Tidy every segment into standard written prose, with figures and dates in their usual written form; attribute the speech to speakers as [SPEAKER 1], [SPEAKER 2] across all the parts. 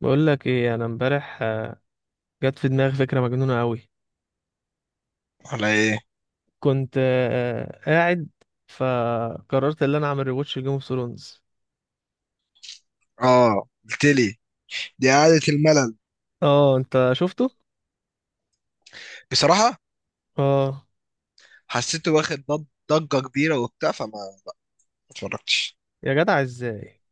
[SPEAKER 1] بقول لك ايه، انا امبارح جت في دماغي فكره مجنونه قوي.
[SPEAKER 2] على ايه؟
[SPEAKER 1] كنت قاعد، فقررت ان انا اعمل ريواتش لجيم اوف ثرونز.
[SPEAKER 2] اه، قلت لي. دي قعدة الملل.
[SPEAKER 1] اه، انت شفته؟
[SPEAKER 2] بصراحة
[SPEAKER 1] اه.
[SPEAKER 2] حسيته واخد ضجة كبيرة وبتاع، فما ما اتفرجتش.
[SPEAKER 1] يا جدع ازاي؟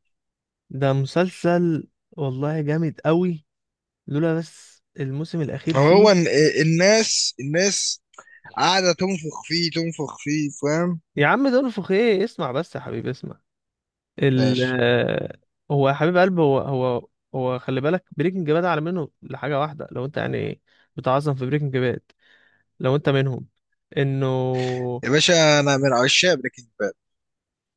[SPEAKER 1] ده مسلسل والله جامد قوي، لولا بس الموسم الاخير فيه.
[SPEAKER 2] هو إن- الناس قاعدة تنفخ فيه تنفخ فيه، فاهم؟
[SPEAKER 1] يا عم، ده انفخ ايه؟ اسمع بس يا حبيبي، اسمع. ال
[SPEAKER 2] ماشي.
[SPEAKER 1] آه، هو يا حبيب قلب، هو. هو خلي بالك بريكنج باد على منه لحاجه واحده، لو انت يعني بتعظم في بريكنج باد، لو انت منهم، انه.
[SPEAKER 2] يا باشا، انا من عشاق بريكنج باد.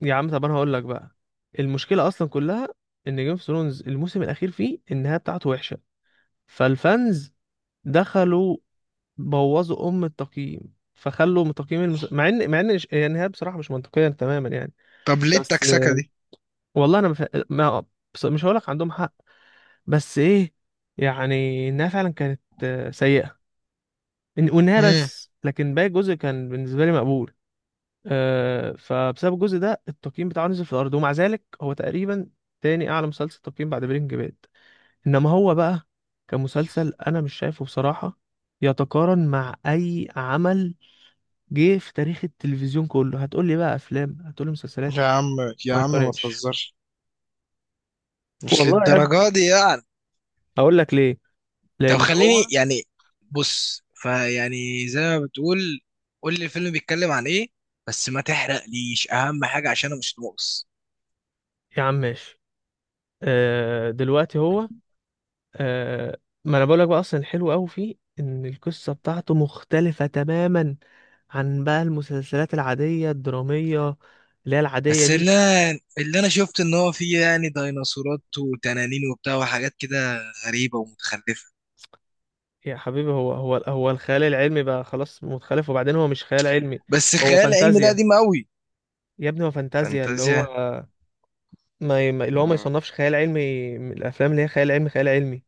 [SPEAKER 1] يا عم طب انا هقول لك بقى، المشكله اصلا كلها ان جيم اوف ثرونز الموسم الاخير فيه النهايه بتاعته وحشه، فالفانز دخلوا بوظوا ام التقييم، فخلوا من تقييم مع ان هي النهايه بصراحه مش منطقيه تماما يعني.
[SPEAKER 2] طب ليه
[SPEAKER 1] بس،
[SPEAKER 2] التكسكة دي؟
[SPEAKER 1] والله انا مف... ما... مش هقول لك عندهم حق، بس ايه، يعني النهايه فعلا كانت سيئه. والنهايه
[SPEAKER 2] امم.
[SPEAKER 1] بس، لكن باقي الجزء كان بالنسبه لي مقبول. فبسبب الجزء ده التقييم بتاعه نزل في الارض، ومع ذلك هو تقريبا تاني اعلى مسلسل تقييم بعد برينج باد. انما هو بقى كمسلسل، انا مش شايفه بصراحة يتقارن مع اي عمل جه في تاريخ التلفزيون كله. هتقول لي بقى افلام، هتقول لي مسلسلات،
[SPEAKER 2] يا عم يا
[SPEAKER 1] ما
[SPEAKER 2] عم ما
[SPEAKER 1] يقارنش.
[SPEAKER 2] تهزرش، مش
[SPEAKER 1] والله يا ابني،
[SPEAKER 2] للدرجة دي يعني.
[SPEAKER 1] اقول لك ليه،
[SPEAKER 2] طب
[SPEAKER 1] لان
[SPEAKER 2] خليني
[SPEAKER 1] هو.
[SPEAKER 2] يعني، بص فيعني زي ما بتقول، قول لي الفيلم بيتكلم عن ايه، بس ما تحرقليش اهم حاجه عشان انا مش ناقص.
[SPEAKER 1] يا عم ماشي، دلوقتي هو. آه ما انا بقولك بقى، اصلا الحلو قوي فيه ان القصه بتاعته مختلفه تماما عن بقى المسلسلات العاديه الدراميه اللي هي العاديه
[SPEAKER 2] بس
[SPEAKER 1] دي.
[SPEAKER 2] اللي انا شفت ان هو فيه يعني ديناصورات وتنانين وبتاع وحاجات كده غريبه ومتخلفه.
[SPEAKER 1] يا حبيبي، هو الخيال العلمي بقى خلاص متخلف؟ وبعدين هو مش خيال علمي.
[SPEAKER 2] بس
[SPEAKER 1] هو
[SPEAKER 2] خيال علمي ده
[SPEAKER 1] فانتازيا،
[SPEAKER 2] قديم قوي.
[SPEAKER 1] يا ابني هو فانتازيا اللي هو.
[SPEAKER 2] فانتازيا.
[SPEAKER 1] ما ي- ما- اللي هو ما
[SPEAKER 2] مم.
[SPEAKER 1] يصنفش خيال علمي من الافلام اللي هي خيال علمي خيال علمي.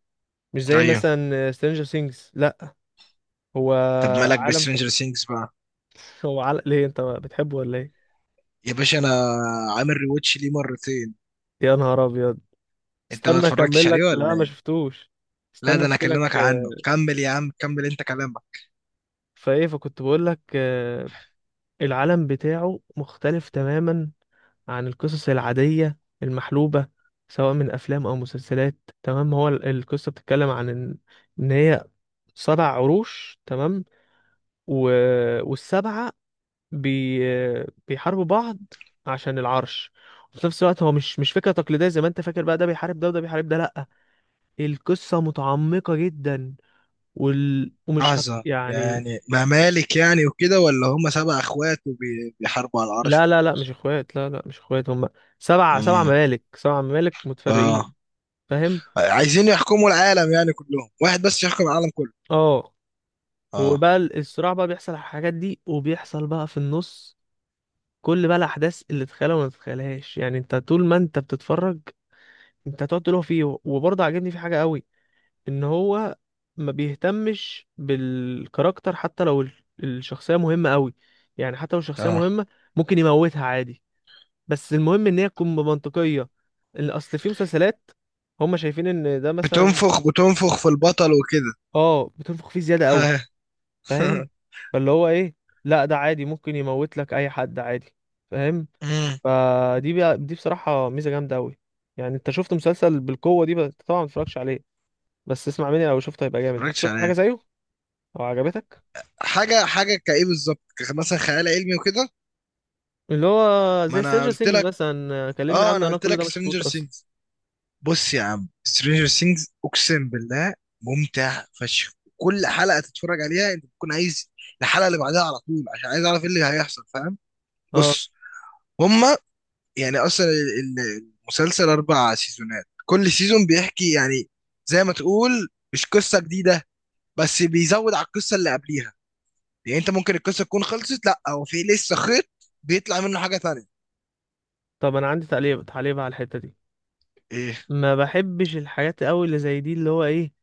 [SPEAKER 1] مش زي
[SPEAKER 2] ايوه.
[SPEAKER 1] مثلا سترينجر سينجز، لا. هو
[SPEAKER 2] طب مالك
[SPEAKER 1] عالم
[SPEAKER 2] بسترينجر سينجز بقى؟
[SPEAKER 1] هو عالم، ليه انت بتحبه ولا ايه؟
[SPEAKER 2] يا باشا انا عامل ريواتش ليه مرتين.
[SPEAKER 1] يا نهار ابيض،
[SPEAKER 2] انت ما
[SPEAKER 1] استنى
[SPEAKER 2] اتفرجتش
[SPEAKER 1] اكمل لك،
[SPEAKER 2] عليه ولا
[SPEAKER 1] لا ما
[SPEAKER 2] ايه؟
[SPEAKER 1] شفتوش.
[SPEAKER 2] لا
[SPEAKER 1] استنى
[SPEAKER 2] ده انا
[SPEAKER 1] احكي
[SPEAKER 2] اكلمك
[SPEAKER 1] لك،
[SPEAKER 2] عنه. كمل يا عم، كمل انت كلامك.
[SPEAKER 1] فايه، فكنت بقول لك العالم بتاعه مختلف تماما عن القصص العادية المحلوبة، سواء من افلام او مسلسلات. تمام. هو القصة بتتكلم عن ان، هي سبع عروش، تمام. و... والسبعة بي... بيحاربوا بعض عشان العرش. وفي نفس الوقت هو مش فكرة تقليدية زي ما انت فاكر، بقى ده بيحارب ده وده بيحارب ده، لا. القصة متعمقة جدا، ومش
[SPEAKER 2] لحظة،
[SPEAKER 1] يعني.
[SPEAKER 2] يعني ممالك يعني وكده، ولا هم 7 اخوات وبيحاربوا على العرش،
[SPEAKER 1] لا،
[SPEAKER 2] ولا
[SPEAKER 1] لا،
[SPEAKER 2] ايه
[SPEAKER 1] لا، مش
[SPEAKER 2] بالظبط؟
[SPEAKER 1] اخوات، لا لا مش اخوات، هم سبع
[SPEAKER 2] امم.
[SPEAKER 1] ممالك سبع ممالك متفرقين.
[SPEAKER 2] اه،
[SPEAKER 1] فاهم؟
[SPEAKER 2] عايزين يحكموا العالم، يعني كلهم واحد بس يحكم العالم كله.
[SPEAKER 1] اه.
[SPEAKER 2] اه.
[SPEAKER 1] وبقى الصراع بقى بيحصل على الحاجات دي، وبيحصل بقى في النص كل بقى الاحداث اللي تتخيلها وما تتخيلهاش، يعني انت طول ما انت بتتفرج انت هتقعد تقول هو فيه، وبرضه عاجبني في حاجه قوي، ان هو ما بيهتمش بالكاركتر حتى لو الشخصيه مهمه قوي. يعني حتى لو الشخصيه
[SPEAKER 2] اه،
[SPEAKER 1] مهمه، ممكن يموتها عادي، بس المهم ان هي تكون منطقيه. اللي اصل في مسلسلات، هم شايفين ان ده مثلا.
[SPEAKER 2] بتنفخ في البطل وكده.
[SPEAKER 1] اه، بتنفخ فيه زياده قوي، فاهم؟ فاللي هو ايه، لا ده عادي ممكن يموت لك اي حد عادي، فاهم؟
[SPEAKER 2] امم.
[SPEAKER 1] فدي بقى دي بصراحه ميزه جامده قوي. يعني انت شفت مسلسل بالقوه دي؟ بس طبعا ما اتفرجش عليه. بس اسمع مني، لو شفته هيبقى جامد. انت
[SPEAKER 2] متفرجتش
[SPEAKER 1] شفت حاجه
[SPEAKER 2] عليه.
[SPEAKER 1] زيه او عجبتك؟
[SPEAKER 2] حاجة كايه بالظبط، مثلا خيال علمي وكده؟
[SPEAKER 1] اللي هو
[SPEAKER 2] ما
[SPEAKER 1] زي
[SPEAKER 2] انا
[SPEAKER 1] سترينجر
[SPEAKER 2] قلت
[SPEAKER 1] سينجز
[SPEAKER 2] لك،
[SPEAKER 1] مثلا، كلمني
[SPEAKER 2] اه
[SPEAKER 1] عنه،
[SPEAKER 2] انا
[SPEAKER 1] انا
[SPEAKER 2] قلت
[SPEAKER 1] كل ده
[SPEAKER 2] لك
[SPEAKER 1] ما شفتوش
[SPEAKER 2] سترينجر.
[SPEAKER 1] اصلا.
[SPEAKER 2] بص يا عم، سترينجر سينجز اقسم بالله ممتع فشخ. كل حلقه تتفرج عليها انت بتكون عايز الحلقه اللي بعدها على طول، عشان عايز اعرف ايه اللي هيحصل، فاهم؟
[SPEAKER 1] اه.
[SPEAKER 2] بص. هما يعني اصلا المسلسل 4 سيزونات، كل سيزون بيحكي يعني زي ما تقول مش قصه جديده، بس بيزود على القصه اللي قبليها. يعني انت ممكن القصه تكون خلصت، لا هو في لسه خيط بيطلع منه حاجه تانية.
[SPEAKER 1] طب انا عندي تعليق تعليق على الحته دي.
[SPEAKER 2] ايه،
[SPEAKER 1] ما بحبش الحاجات قوي اللي زي دي، اللي هو ايه،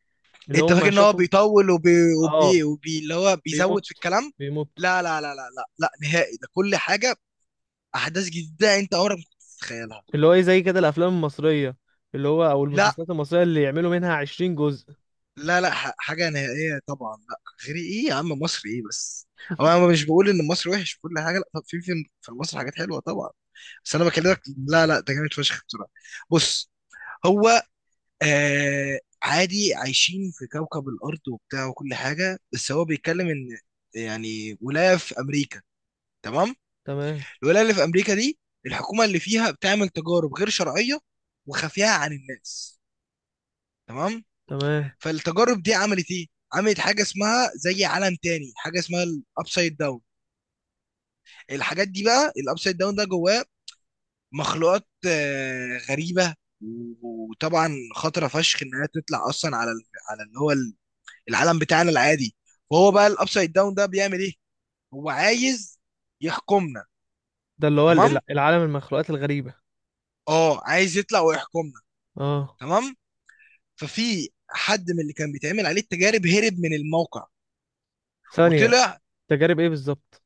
[SPEAKER 1] اللي
[SPEAKER 2] انت فاكر
[SPEAKER 1] هم
[SPEAKER 2] ان هو
[SPEAKER 1] شافوا.
[SPEAKER 2] بيطول وبي
[SPEAKER 1] اه،
[SPEAKER 2] وبي وبي اللي هو بيزود في
[SPEAKER 1] بيمط
[SPEAKER 2] الكلام؟
[SPEAKER 1] بيمط.
[SPEAKER 2] لا لا لا لا لا لا نهائي، ده كل حاجه احداث جديده انت عمرك ما كنت تتخيلها.
[SPEAKER 1] اللي هو ايه، زي كده الافلام المصرية، اللي هو او
[SPEAKER 2] لا
[SPEAKER 1] المسلسلات المصرية اللي يعملوا منها 20 جزء.
[SPEAKER 2] لا لا، حاجه نهائيه طبعا لا. غير ايه يا عم، مصر ايه بس؟ انا مش بقول ان مصر وحش في كل حاجه، لا، طب في في مصر حاجات حلوه طبعا، بس انا بكلمك. لا لا، ده جامد فشخ بصراحه. بص، هو آه عادي عايشين في كوكب الارض وبتاع وكل حاجه، بس هو بيتكلم ان يعني ولايه في امريكا، تمام.
[SPEAKER 1] تمام.
[SPEAKER 2] الولايه اللي في امريكا دي الحكومه اللي فيها بتعمل تجارب غير شرعيه وخفيه عن الناس، تمام.
[SPEAKER 1] تمام.
[SPEAKER 2] فالتجارب دي عملت ايه؟ عملت حاجه اسمها زي عالم تاني، حاجه اسمها الابسايد داون. الحاجات دي بقى، الابسايد داون ده جواه مخلوقات غريبه وطبعا خطره فشخ انها تطلع اصلا على العالم بتاعنا العادي. فهو بقى الابسايد داون ده بيعمل ايه؟ هو عايز يحكمنا.
[SPEAKER 1] ده اللي هو
[SPEAKER 2] تمام،
[SPEAKER 1] العالم المخلوقات الغريبة.
[SPEAKER 2] اه عايز يطلع ويحكمنا.
[SPEAKER 1] اه،
[SPEAKER 2] تمام. ففي حد من اللي كان بيتعمل عليه التجارب هرب من الموقع
[SPEAKER 1] ثانية.
[SPEAKER 2] وطلع.
[SPEAKER 1] تجارب ايه بالظبط؟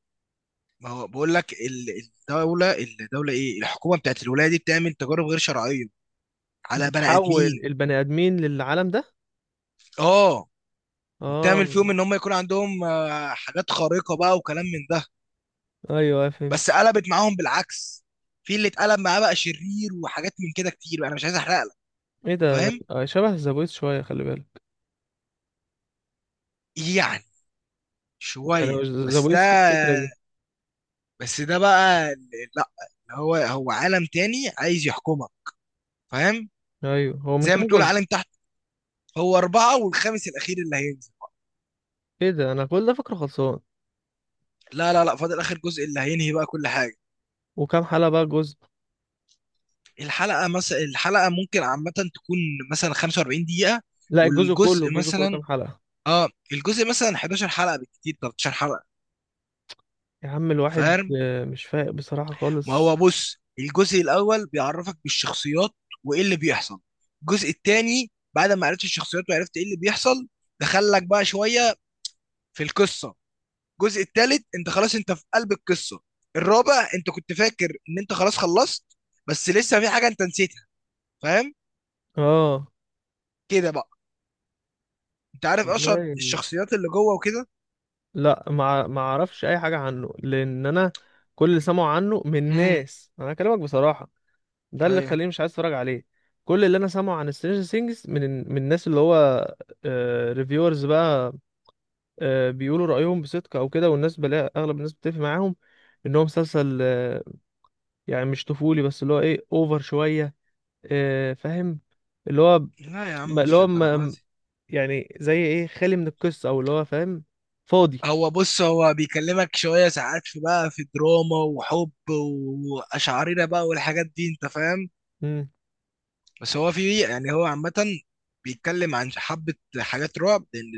[SPEAKER 2] ما هو بقول لك الدوله الحكومه بتاعت الولايه دي بتعمل تجارب غير شرعيه على بني
[SPEAKER 1] بتحول
[SPEAKER 2] ادمين.
[SPEAKER 1] البني ادمين للعالم ده؟
[SPEAKER 2] اه، وبتعمل فيهم
[SPEAKER 1] اه.
[SPEAKER 2] ان هم يكون عندهم حاجات خارقه بقى وكلام من ده.
[SPEAKER 1] ايوه، أيوه، فهمت.
[SPEAKER 2] بس قلبت معاهم بالعكس، في اللي اتقلب معاه بقى شرير وحاجات من كده كتير، انا مش عايز احرق لك.
[SPEAKER 1] ايه ده،
[SPEAKER 2] فاهم؟
[SPEAKER 1] شبه زابويس شوية، خلي بالك.
[SPEAKER 2] يعني
[SPEAKER 1] يعني هو
[SPEAKER 2] شويه بس ده.
[SPEAKER 1] زابويس فيه الفكرة دي.
[SPEAKER 2] بس ده بقى ال- لا، هو عالم تاني عايز يحكمك، فاهم؟
[SPEAKER 1] ايوه، هو من
[SPEAKER 2] زي ما
[SPEAKER 1] كام
[SPEAKER 2] تقول
[SPEAKER 1] جزء؟
[SPEAKER 2] عالم تحت. هو أربعة والخامس الأخير اللي هينزل.
[SPEAKER 1] ايه ده، انا كل ده فكره خلصان؟
[SPEAKER 2] لا لا لا، فاضل آخر جزء اللي هينهي بقى كل حاجة.
[SPEAKER 1] وكام حلقة بقى الجزء؟
[SPEAKER 2] الحلقة مثلا الحلقة ممكن عامة تكون مثلا 45 دقيقة.
[SPEAKER 1] لا، الجزء كله
[SPEAKER 2] والجزء
[SPEAKER 1] الجزء كله
[SPEAKER 2] مثلا،
[SPEAKER 1] كام حلقة؟
[SPEAKER 2] اه الجزء مثلا 11 حلقة بالكتير، 13 حلقة،
[SPEAKER 1] يا عم، الواحد
[SPEAKER 2] فاهم؟
[SPEAKER 1] مش فايق بصراحة
[SPEAKER 2] ما هو
[SPEAKER 1] خالص.
[SPEAKER 2] بص، الجزء الأول بيعرفك بالشخصيات وإيه اللي بيحصل. الجزء التاني بعد ما عرفت الشخصيات وعرفت إيه اللي بيحصل دخلك بقى شوية في القصة. الجزء الثالث انت خلاص انت في قلب القصه. الرابع انت كنت فاكر ان انت خلاص خلصت، بس لسه في حاجه انت نسيتها، فاهم؟
[SPEAKER 1] اه.
[SPEAKER 2] كده بقى. انت عارف اشهر
[SPEAKER 1] والله
[SPEAKER 2] الشخصيات اللي جوه وكده.
[SPEAKER 1] لا، ما اعرفش اي حاجة عنه، لان انا كل اللي سمعوا عنه من
[SPEAKER 2] امم.
[SPEAKER 1] ناس، انا اكلمك بصراحة، ده اللي
[SPEAKER 2] ايوه.
[SPEAKER 1] خليني مش عايز اتفرج عليه. كل اللي انا سامعه عن سترينجر ثينجز من الناس اللي هو ريفيورز بقى، بيقولوا رأيهم بصدق او كده، والناس بلاقي اغلب الناس بتتفق معاهم، ان هو مسلسل يعني مش طفولي، بس اللي هو ايه، اوفر شوية، فاهم؟ اللي هو
[SPEAKER 2] لا يا عم،
[SPEAKER 1] ما- اللي
[SPEAKER 2] مش
[SPEAKER 1] هو
[SPEAKER 2] للدرجه
[SPEAKER 1] ما-
[SPEAKER 2] دي.
[SPEAKER 1] يعني زي ايه، خالي من القصة او اللي هو فاهم، فاضي.
[SPEAKER 2] هو بص، هو بيكلمك شويه ساعات، في بقى في دراما وحب واشعريره بقى والحاجات دي، انت فاهم.
[SPEAKER 1] امم.
[SPEAKER 2] بس هو في يعني هو عامه بيتكلم عن حبه، حاجات رعب، لان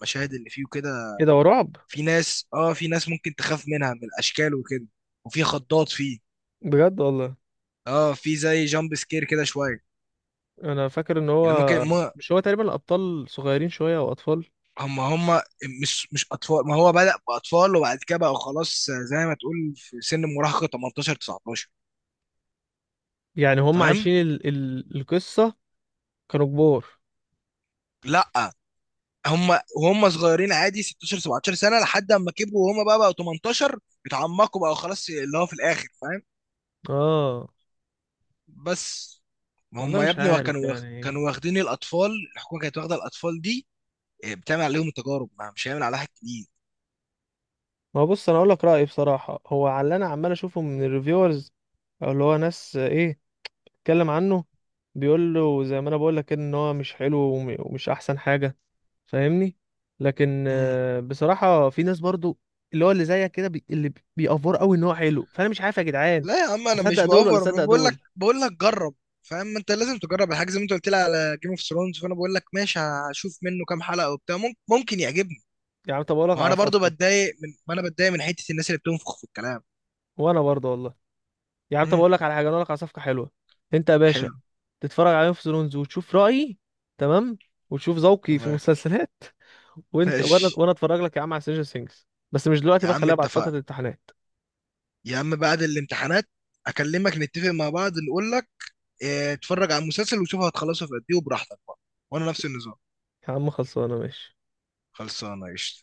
[SPEAKER 2] المشاهد اللي فيه كده.
[SPEAKER 1] ايه ده، هو رعب؟
[SPEAKER 2] في ناس، اه في ناس ممكن تخاف منها من الاشكال وكده، وفي خضات فيه.
[SPEAKER 1] بجد والله؟
[SPEAKER 2] اه، في زي جامب سكير كده شويه.
[SPEAKER 1] انا فاكر ان هو،
[SPEAKER 2] يعني ممكن ما.
[SPEAKER 1] مش هو تقريبا الاطفال صغيرين شوية، او اطفال؟
[SPEAKER 2] هم مش اطفال، ما هو بدأ باطفال وبعد كده بقى خلاص زي ما تقول في سن المراهقه 18، 19،
[SPEAKER 1] يعني هم
[SPEAKER 2] فاهم؟
[SPEAKER 1] عايشين القصة، كانوا كبار؟
[SPEAKER 2] لا، هم وهم صغيرين عادي 16، 17 سنه، لحد اما كبروا وهم بقى بقوا 18، اتعمقوا بقى خلاص اللي هو في الاخر، فاهم؟
[SPEAKER 1] اه،
[SPEAKER 2] بس ما
[SPEAKER 1] والله
[SPEAKER 2] هم يا
[SPEAKER 1] مش
[SPEAKER 2] ابني
[SPEAKER 1] عارف يعني.
[SPEAKER 2] كانوا واخدين الاطفال، الحكومه كانت واخده الاطفال دي بتعمل عليهم التجارب، ما مش هيعمل عليها حاجة جديد.
[SPEAKER 1] ما هو بص، انا اقول لك رأيي بصراحة، هو على اللي انا عمال اشوفه من الريفيورز، او اللي هو ناس ايه، اتكلم عنه، بيقول له زي ما انا بقول لك، ان هو مش حلو ومش احسن حاجة، فاهمني؟ لكن
[SPEAKER 2] مم.
[SPEAKER 1] بصراحة في ناس برضو اللي هو اللي زيك كده، اللي بيأفور قوي ان هو حلو، فانا مش عارف يا جدعان.
[SPEAKER 2] لا يا عم، انا مش
[SPEAKER 1] اصدق دول ولا
[SPEAKER 2] باوفر. أنا
[SPEAKER 1] اصدق
[SPEAKER 2] بقول
[SPEAKER 1] دول؟
[SPEAKER 2] لك، جرب، فاهم؟ ما انت لازم تجرب الحاجه زي ما انت قلت لي على جيم اوف ثرونز، فانا بقول لك ماشي هشوف منه كام حلقه وبتاع، ممكن يعجبني.
[SPEAKER 1] يا عم، طب اقول لك على
[SPEAKER 2] وانا برضو
[SPEAKER 1] صفقة.
[SPEAKER 2] بتضايق ما انا بتضايق من حته الناس اللي بتنفخ في الكلام.
[SPEAKER 1] وانا برضو والله. يا عم، طب
[SPEAKER 2] مم.
[SPEAKER 1] اقول لك على حاجة، انا اقول لك على صفقة حلوة. انت يا باشا
[SPEAKER 2] حلو.
[SPEAKER 1] تتفرج عليهم في سلونز، وتشوف رأيي، تمام؟ وتشوف ذوقي في
[SPEAKER 2] تمام.
[SPEAKER 1] المسلسلات. وانت، وانا
[SPEAKER 2] ماشي
[SPEAKER 1] وانا اتفرج لك يا عم على سيجن سينجز، بس مش دلوقتي
[SPEAKER 2] يا
[SPEAKER 1] بقى،
[SPEAKER 2] عم،
[SPEAKER 1] خليها بعد فترة
[SPEAKER 2] اتفقنا.
[SPEAKER 1] الامتحانات.
[SPEAKER 2] يا عم بعد الامتحانات اكلمك نتفق مع بعض نقول لك. اه، اتفرج على المسلسل وشوف هتخلصه في قد ايه وبراحتك بقى. وانا نفس النظام.
[SPEAKER 1] يا عم، خلصانة، ماشي.
[SPEAKER 2] خلصانه قشطه.